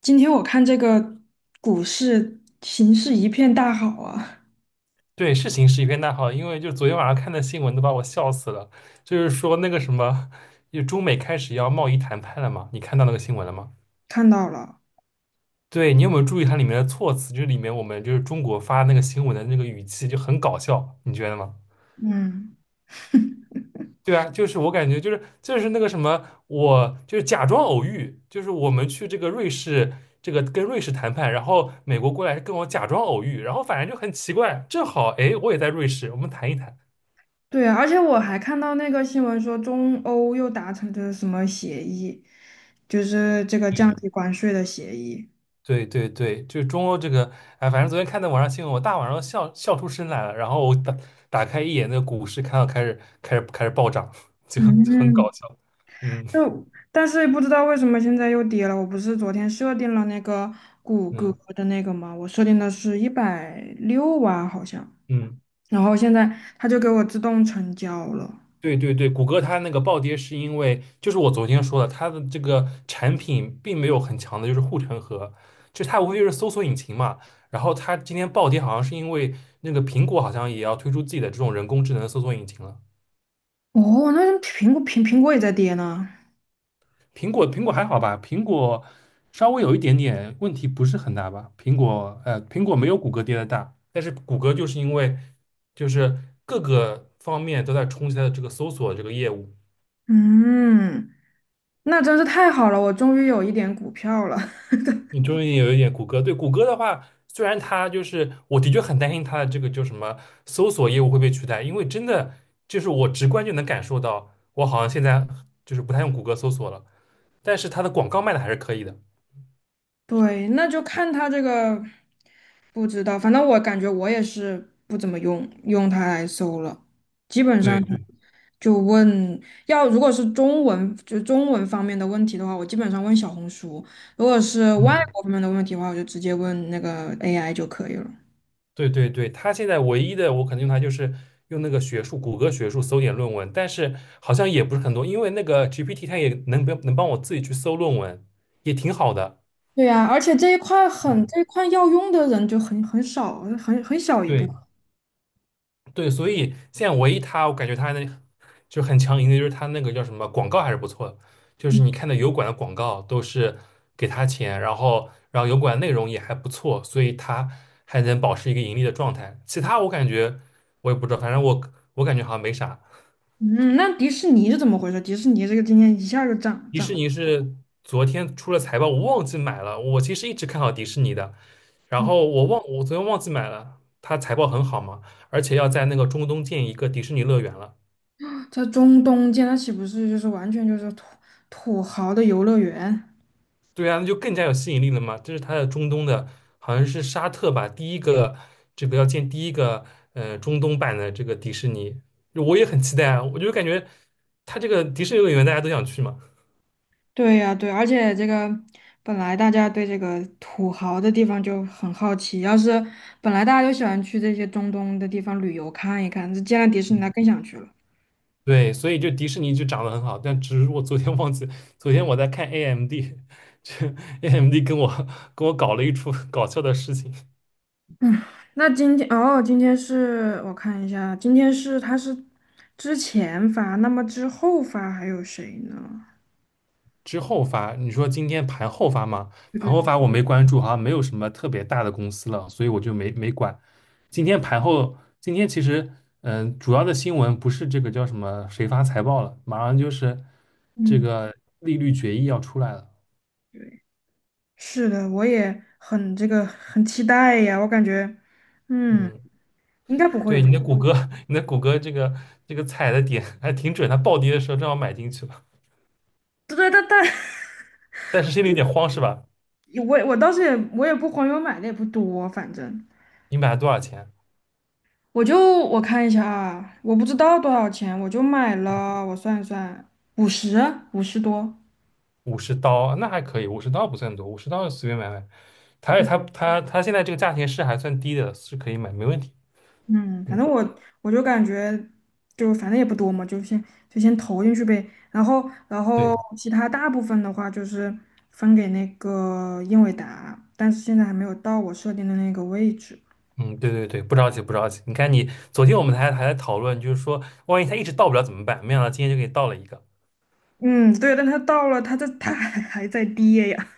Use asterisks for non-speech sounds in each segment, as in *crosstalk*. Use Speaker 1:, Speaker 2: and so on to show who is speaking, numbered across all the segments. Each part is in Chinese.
Speaker 1: 今天我看这个股市形势一片大好啊，
Speaker 2: 对，是形势一片大好，因为就昨天晚上看的新闻都把我笑死了，就是说那个什么，就中美开始要贸易谈判了嘛，你看到那个新闻了吗？
Speaker 1: 看到了。
Speaker 2: 对，你有没有注意它里面的措辞？就是里面我们就是中国发那个新闻的那个语气就很搞笑，你觉得吗？
Speaker 1: 嗯，
Speaker 2: 对啊，就是我感觉就是那个什么，我就是假装偶遇，就是我们去这个瑞士，这个跟瑞士谈判，然后美国过来跟我假装偶遇，然后反正就很奇怪，正好哎我也在瑞士，我们谈一谈。
Speaker 1: 对啊，而且我还看到那个新闻说，中欧又达成的什么协议，就是这个降低关税的协议。
Speaker 2: 对对对，就是中欧这个，哎，反正昨天看到网上新闻，我大晚上笑出声来了。然后我打开一眼那个股市，看到开始暴涨，*laughs* 就很搞
Speaker 1: 嗯，
Speaker 2: 笑。嗯
Speaker 1: 就但是不知道为什么现在又跌了。我不是昨天设定了那个谷歌
Speaker 2: 嗯
Speaker 1: 的那个吗？我设定的是一百六啊，好像，
Speaker 2: 嗯。
Speaker 1: 然后现在它就给我自动成交了。
Speaker 2: 对对对，谷歌它那个暴跌是因为，就是我昨天说的，它的这个产品并没有很强的，就是护城河，就它无非就是搜索引擎嘛。然后它今天暴跌，好像是因为那个苹果好像也要推出自己的这种人工智能搜索引擎了。
Speaker 1: 哦，那苹果苹果也在跌呢。
Speaker 2: 苹果还好吧？苹果稍微有一点点问题，不是很大吧？苹果没有谷歌跌的大，但是谷歌就是因为就是各个方面都在冲击它的这个搜索这个业务。
Speaker 1: 嗯，那真是太好了，我终于有一点股票了。*laughs*
Speaker 2: 你终于有一点谷歌。对谷歌的话，虽然它就是我的确很担心它的这个就什么搜索业务会被取代，因为真的就是我直观就能感受到，我好像现在就是不太用谷歌搜索了，但是它的广告卖的还是可以的。
Speaker 1: 对，那就看它这个，不知道，反正我感觉我也是不怎么用它来搜了，基本上
Speaker 2: 对对，
Speaker 1: 就问要如果是中文就中文方面的问题的话，我基本上问小红书；如果是外
Speaker 2: 嗯。
Speaker 1: 国方面的问题的话，我就直接问那个 AI 就可以了。
Speaker 2: 对对对，他现在唯一的我可能用它就是用那个学术，谷歌学术搜点论文，但是好像也不是很多，因为那个 GPT 它也能能帮我自己去搜论文，也挺好的。
Speaker 1: 对呀，而且这一块
Speaker 2: 嗯，
Speaker 1: 很这一块要用的人就很少，很小一部分。
Speaker 2: 对对，所以现在唯一他我感觉它那就很强硬的，就是他那个叫什么广告还是不错的，就是你看的油管的广告都是给他钱，然后油管内容也还不错，所以他还能保持一个盈利的状态。其他我感觉我也不知道，反正我感觉好像没啥。
Speaker 1: 嗯，那迪士尼是怎么回事？迪士尼这个今天一下就涨
Speaker 2: 迪
Speaker 1: 涨
Speaker 2: 士
Speaker 1: 了，
Speaker 2: 尼是昨天出了财报，我忘记买了。我其实一直看好迪士尼的，然后
Speaker 1: 嗯
Speaker 2: 我昨天忘记买了。它财报很好嘛，而且要在那个中东建一个迪士尼乐园了。
Speaker 1: 在中东间，那岂不是就是完全就是土豪的游乐园？
Speaker 2: 对啊，那就更加有吸引力了嘛。这是它的中东的，好像是沙特吧，第一个这个要建第一个中东版的这个迪士尼，我也很期待啊。我就感觉它这个迪士尼乐园大家都想去嘛。
Speaker 1: 对呀，对，而且这个本来大家对这个土豪的地方就很好奇，要是本来大家就喜欢去这些中东的地方旅游看一看，这见了迪士尼，那更想去了。
Speaker 2: 对，所以就迪士尼就涨得很好，但只是我昨天忘记，昨天我在看 AMD，这 AMD 跟我搞了一出搞笑的事情。
Speaker 1: 那今天哦，今天是我看一下，今天是他是之前发，那么之后发还有谁呢？
Speaker 2: 之后发，你说今天盘后发吗？盘后发我没关注，好像没有什么特别大的公司了，所以我就没管。今天盘后，今天其实主要的新闻不是这个叫什么谁发财报了，马上就是这
Speaker 1: 嗯。
Speaker 2: 个利率决议要出来了，
Speaker 1: 对。是的，我也很这个很期待呀，我感觉，嗯，
Speaker 2: 嗯。
Speaker 1: 应该不会有
Speaker 2: 对，
Speaker 1: 什
Speaker 2: 你的
Speaker 1: 么。
Speaker 2: 谷歌，*laughs* 你的谷歌这个踩的点还挺准，它暴跌的时候正好买进去了，
Speaker 1: 对, *laughs*
Speaker 2: 但是心里有点慌是吧？
Speaker 1: 我当时我也不黄油买的也不多，反正
Speaker 2: 你买了多少钱？
Speaker 1: 我看一下啊，我不知道多少钱，我就买了，我算一算，五十五十多。
Speaker 2: 五十刀，那还可以，五十刀不算多，五十刀随便买买。它现在这个价钱是还算低的，是可以买，没问题。
Speaker 1: 嗯，反
Speaker 2: 嗯，
Speaker 1: 正我就感觉，就反正也不多嘛，就先投进去呗。然后
Speaker 2: 对，
Speaker 1: 其他大部分的话就是分给那个英伟达，但是现在还没有到我设定的那个位置。
Speaker 2: 嗯，对对对，不着急不着急。你看你昨天我们还在讨论，就是说万一它一直到不了怎么办？没想到今天就给你到了一个。
Speaker 1: 嗯，对，但它到了，它这它还 *laughs* 还在跌呀。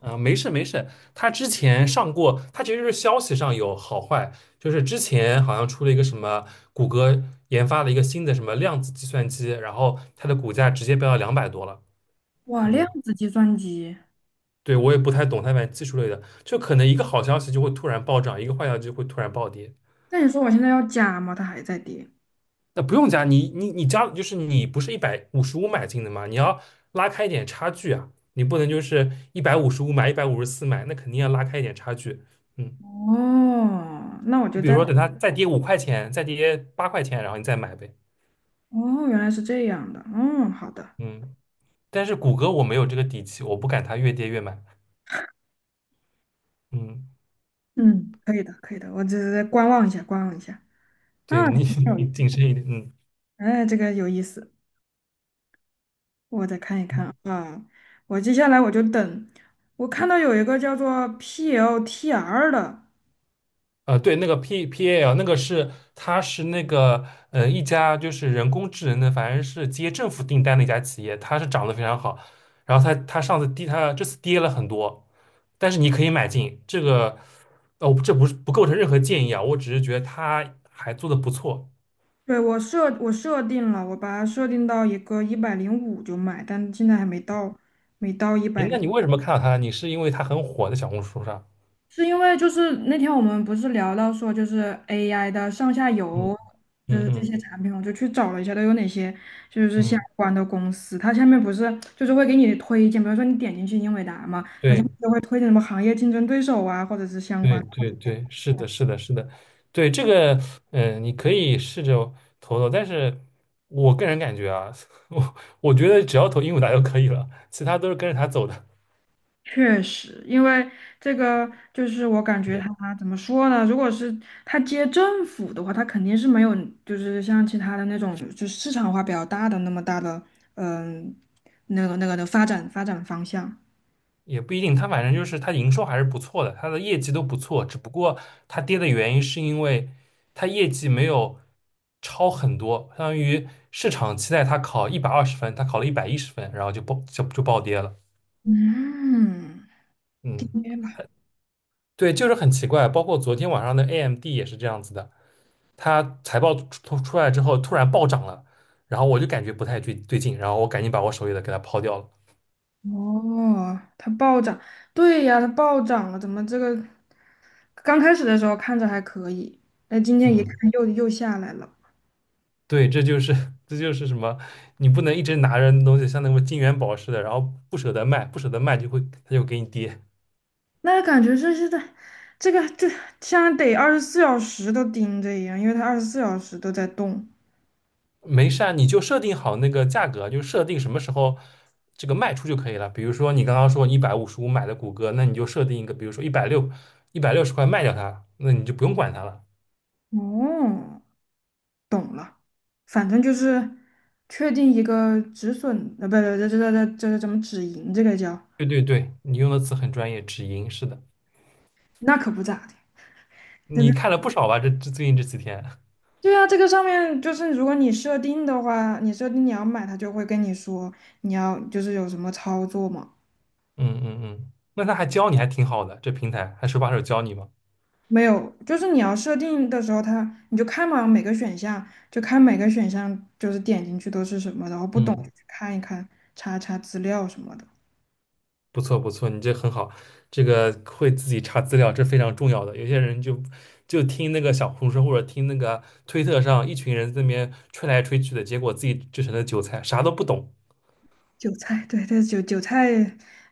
Speaker 2: 啊，没事没事，他之前上过，他其实是消息上有好坏，就是之前好像出了一个什么谷歌研发了一个新的什么量子计算机，然后它的股价直接飙到两百多了。
Speaker 1: 哇，量
Speaker 2: 嗯，
Speaker 1: 子计算机，
Speaker 2: 对，我也不太懂它反正技术类的，就可能一个好消息就会突然暴涨，一个坏消息就会突然暴跌。
Speaker 1: 那你说我现在要加吗？它还在跌。
Speaker 2: 那不用加，你加，就是你不是一百五十五买进的嘛，你要拉开一点差距啊，你不能就是一百五十五买一百五十四买，那肯定要拉开一点差距。嗯。
Speaker 1: 哦，那我就
Speaker 2: 你比如
Speaker 1: 在，
Speaker 2: 说等它再跌五块钱，再跌八块钱，然后你再买呗。
Speaker 1: 哦，原来是这样的。嗯，好的，
Speaker 2: 嗯，但是谷歌我没有这个底气，我不敢它越跌越买。嗯，
Speaker 1: 嗯，可以的，可以的，我只是在观望一下，观望一下。
Speaker 2: 对
Speaker 1: 啊，挺
Speaker 2: 你 *laughs*
Speaker 1: 有意
Speaker 2: 你
Speaker 1: 思
Speaker 2: 谨慎一点。嗯，
Speaker 1: 哎，这个有意思，我再看一看啊。我接下来我就等，我看到有一个叫做 PLTR 的，
Speaker 2: 对，那个 P P A L 那个是它是那个一家就是人工智能的，反正是接政府订单的一家企业，它是涨得非常好。然后它上次跌，它这次跌了很多，但是你可以买进这个。哦，这不是不构成任何建议啊，我只是觉得它还做得不错。
Speaker 1: 对，我设定了，我把它设定到一个一百零五就买，但现在还没到，没到一
Speaker 2: 诶，
Speaker 1: 百。
Speaker 2: 那你为什么看到他？你是因为他很火在小红书上？
Speaker 1: 是因为就是那天我们不是聊到说就是 AI 的上下
Speaker 2: 嗯
Speaker 1: 游，就
Speaker 2: 嗯
Speaker 1: 是这
Speaker 2: 嗯
Speaker 1: 些产品，我就去找了一下都有哪些就是相
Speaker 2: 嗯，
Speaker 1: 关的公司。它下面不是就是会给你推荐，比如说你点进去英伟达嘛，好像
Speaker 2: 对
Speaker 1: 就会推荐什么行业竞争对手啊，或者是相关
Speaker 2: 对
Speaker 1: 的。
Speaker 2: 对对，是的，是的，是的，对这个，你可以试着投投，但是我个人感觉啊，*laughs* 我我觉得只要投鹦鹉达就可以了，其他都是跟着他走的。
Speaker 1: 确实，因为这个就是我感觉
Speaker 2: 对。
Speaker 1: 他怎么说呢？如果是他接政府的话，他肯定是没有，就是像其他的那种，就市场化比较大的那么大的，嗯，那个的发展方向。
Speaker 2: 也不一定，它反正就是它营收还是不错的，它的业绩都不错，只不过它跌的原因是因为它业绩没有超很多，相当于市场期待它考一百二十分，它考了一百一十分，然后就爆就就暴跌了。
Speaker 1: 嗯，
Speaker 2: 嗯，
Speaker 1: 跌了。
Speaker 2: 对，就是很奇怪，包括昨天晚上的 AMD 也是这样子的，它财报出来之后突然暴涨了，然后我就感觉不太对劲，然后我赶紧把我手里的给它抛掉了。
Speaker 1: 哦，它暴涨，对呀，它暴涨了，怎么这个刚开始的时候看着还可以，那今天一
Speaker 2: 嗯。
Speaker 1: 看又下来了。
Speaker 2: 对，这就是 *laughs* 这就是什么？你不能一直拿着那东西，像那个金元宝似的，然后不舍得卖，不舍得卖就会它就给你跌。
Speaker 1: 那感觉就是在这个就像得二十四小时都盯着一样，因为它二十四小时都在动。
Speaker 2: 没事啊，你就设定好那个价格，就设定什么时候这个卖出就可以了。比如说你刚刚说一百五十五买的谷歌，那你就设定一个，比如说一百六十块卖掉它，那你就不用管它了。
Speaker 1: 哦，懂了，反正就是确定一个止损，呃，不对，这怎么止盈？这个叫
Speaker 2: 对对对，你用的词很专业，止盈是的，
Speaker 1: 那可不咋的，真
Speaker 2: 你
Speaker 1: 的。
Speaker 2: 看了不少吧？这最近这几天，
Speaker 1: 对啊，这个上面就是如果你设定的话，你设定你要买，它就会跟你说你要就是有什么操作嘛。
Speaker 2: *laughs* 嗯嗯嗯，那他还教你还挺好的，这平台还手把手教你吗？
Speaker 1: 没有，就是你要设定的时候它，你就看嘛，每个选项就看每个选项，就是点进去都是什么，然后不懂就
Speaker 2: 嗯。
Speaker 1: 去看一看，查查资料什么的。
Speaker 2: 不错不错，你这很好，这个会自己查资料，这非常重要的。有些人就听那个小红书或者听那个推特上一群人在那边吹来吹去的，结果自己就成了韭菜，啥都不懂。
Speaker 1: 韭菜，*laughs* 对，对，韭菜，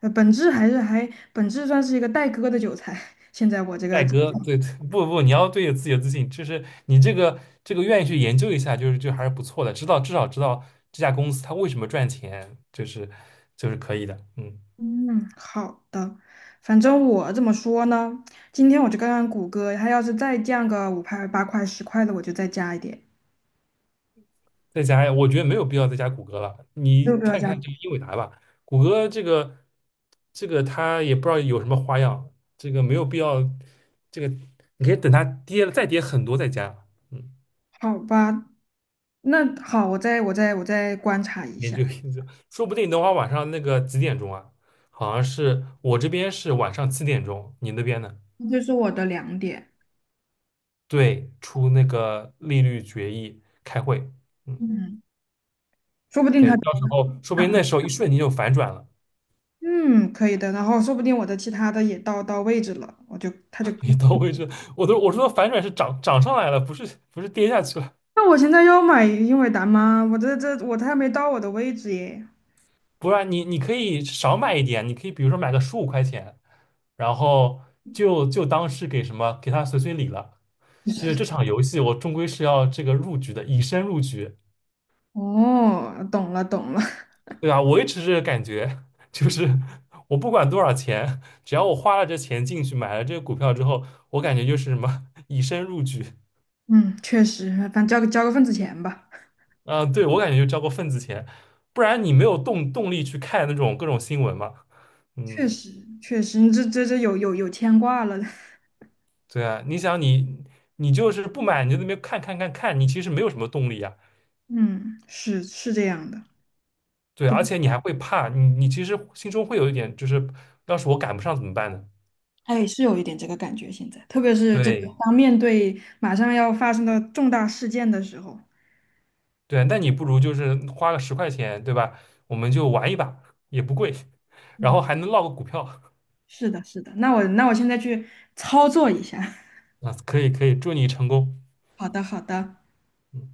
Speaker 1: 呃，本质算是一个待割的韭菜。*laughs* 现在我这个
Speaker 2: 戴哥，对，*laughs* 不不，你要对有自己有自信，就是你这个愿意去研究一下，就是还是不错的，至少知道这家公司它为什么赚钱，就是可以的，嗯。
Speaker 1: *laughs*，嗯，好的，反正我怎么说呢？今天我就看看谷歌，它要是再降个五块、八块、十块的，我就再加一点，
Speaker 2: 再加呀，我觉得没有必要再加谷歌了。
Speaker 1: 六
Speaker 2: 你
Speaker 1: 个要
Speaker 2: 看看
Speaker 1: 加，
Speaker 2: 这个英伟达吧，谷歌这个它也不知道有什么花样，这个没有必要。这个你可以等它跌了再跌很多再加，嗯，
Speaker 1: 好吧？那好，我再观察一
Speaker 2: 研
Speaker 1: 下。
Speaker 2: 究研究，说不定等会儿晚上那个几点钟啊？好像是我这边是晚上七点钟，你那边呢？
Speaker 1: 这是我的两点，
Speaker 2: 对，出那个利率决议开会，嗯，
Speaker 1: 嗯，说不定
Speaker 2: 可以，
Speaker 1: 他就
Speaker 2: 到时候说不
Speaker 1: 想，
Speaker 2: 定那时候一瞬间就反转了。
Speaker 1: 嗯，可以的。然后说不定我的其他的也到到位置了，我就他就，
Speaker 2: 也到位置，我说反转是涨上来了，不是不是跌下去了。
Speaker 1: 那我现在要买英伟达吗？我这这我还没到我的位置耶。
Speaker 2: 不然你可以少买一点，你可以比如说买个十五块钱，然后就当是给什么给他随礼了。就是这场游戏，我终归是要这个入局的，以身入局，
Speaker 1: 哦，懂了，
Speaker 2: 对吧？我一直是感觉，就是我不管多少钱，只要我花了这钱进去买了这个股票之后，我感觉就是什么以身入局
Speaker 1: 嗯，确实，反正交个份子钱吧。
Speaker 2: 啊、对我感觉就交过份子钱，不然你没有动力去看那种各种新闻嘛。嗯，
Speaker 1: 确实确实，你这有牵挂了。*laughs*
Speaker 2: 对啊，你想你就是不买，你就在那边看看，你其实没有什么动力啊。
Speaker 1: 嗯，是是这样的。
Speaker 2: 对，而
Speaker 1: 都
Speaker 2: 且你还会怕，你其实心中会有一点，就是要是我赶不上怎么办呢？
Speaker 1: 哎，是有一点这个感觉，现在，特别是这个
Speaker 2: 对
Speaker 1: 当面对马上要发生的重大事件的时候。
Speaker 2: 对啊，那你不如就是花个十块钱，对吧？我们就玩一把，也不贵，然
Speaker 1: 嗯。
Speaker 2: 后还能落个股票
Speaker 1: 是的，是的，那我那我现在去操作一下。*laughs*
Speaker 2: 啊，可以可以，祝你成功。
Speaker 1: 好的，好的。
Speaker 2: 嗯。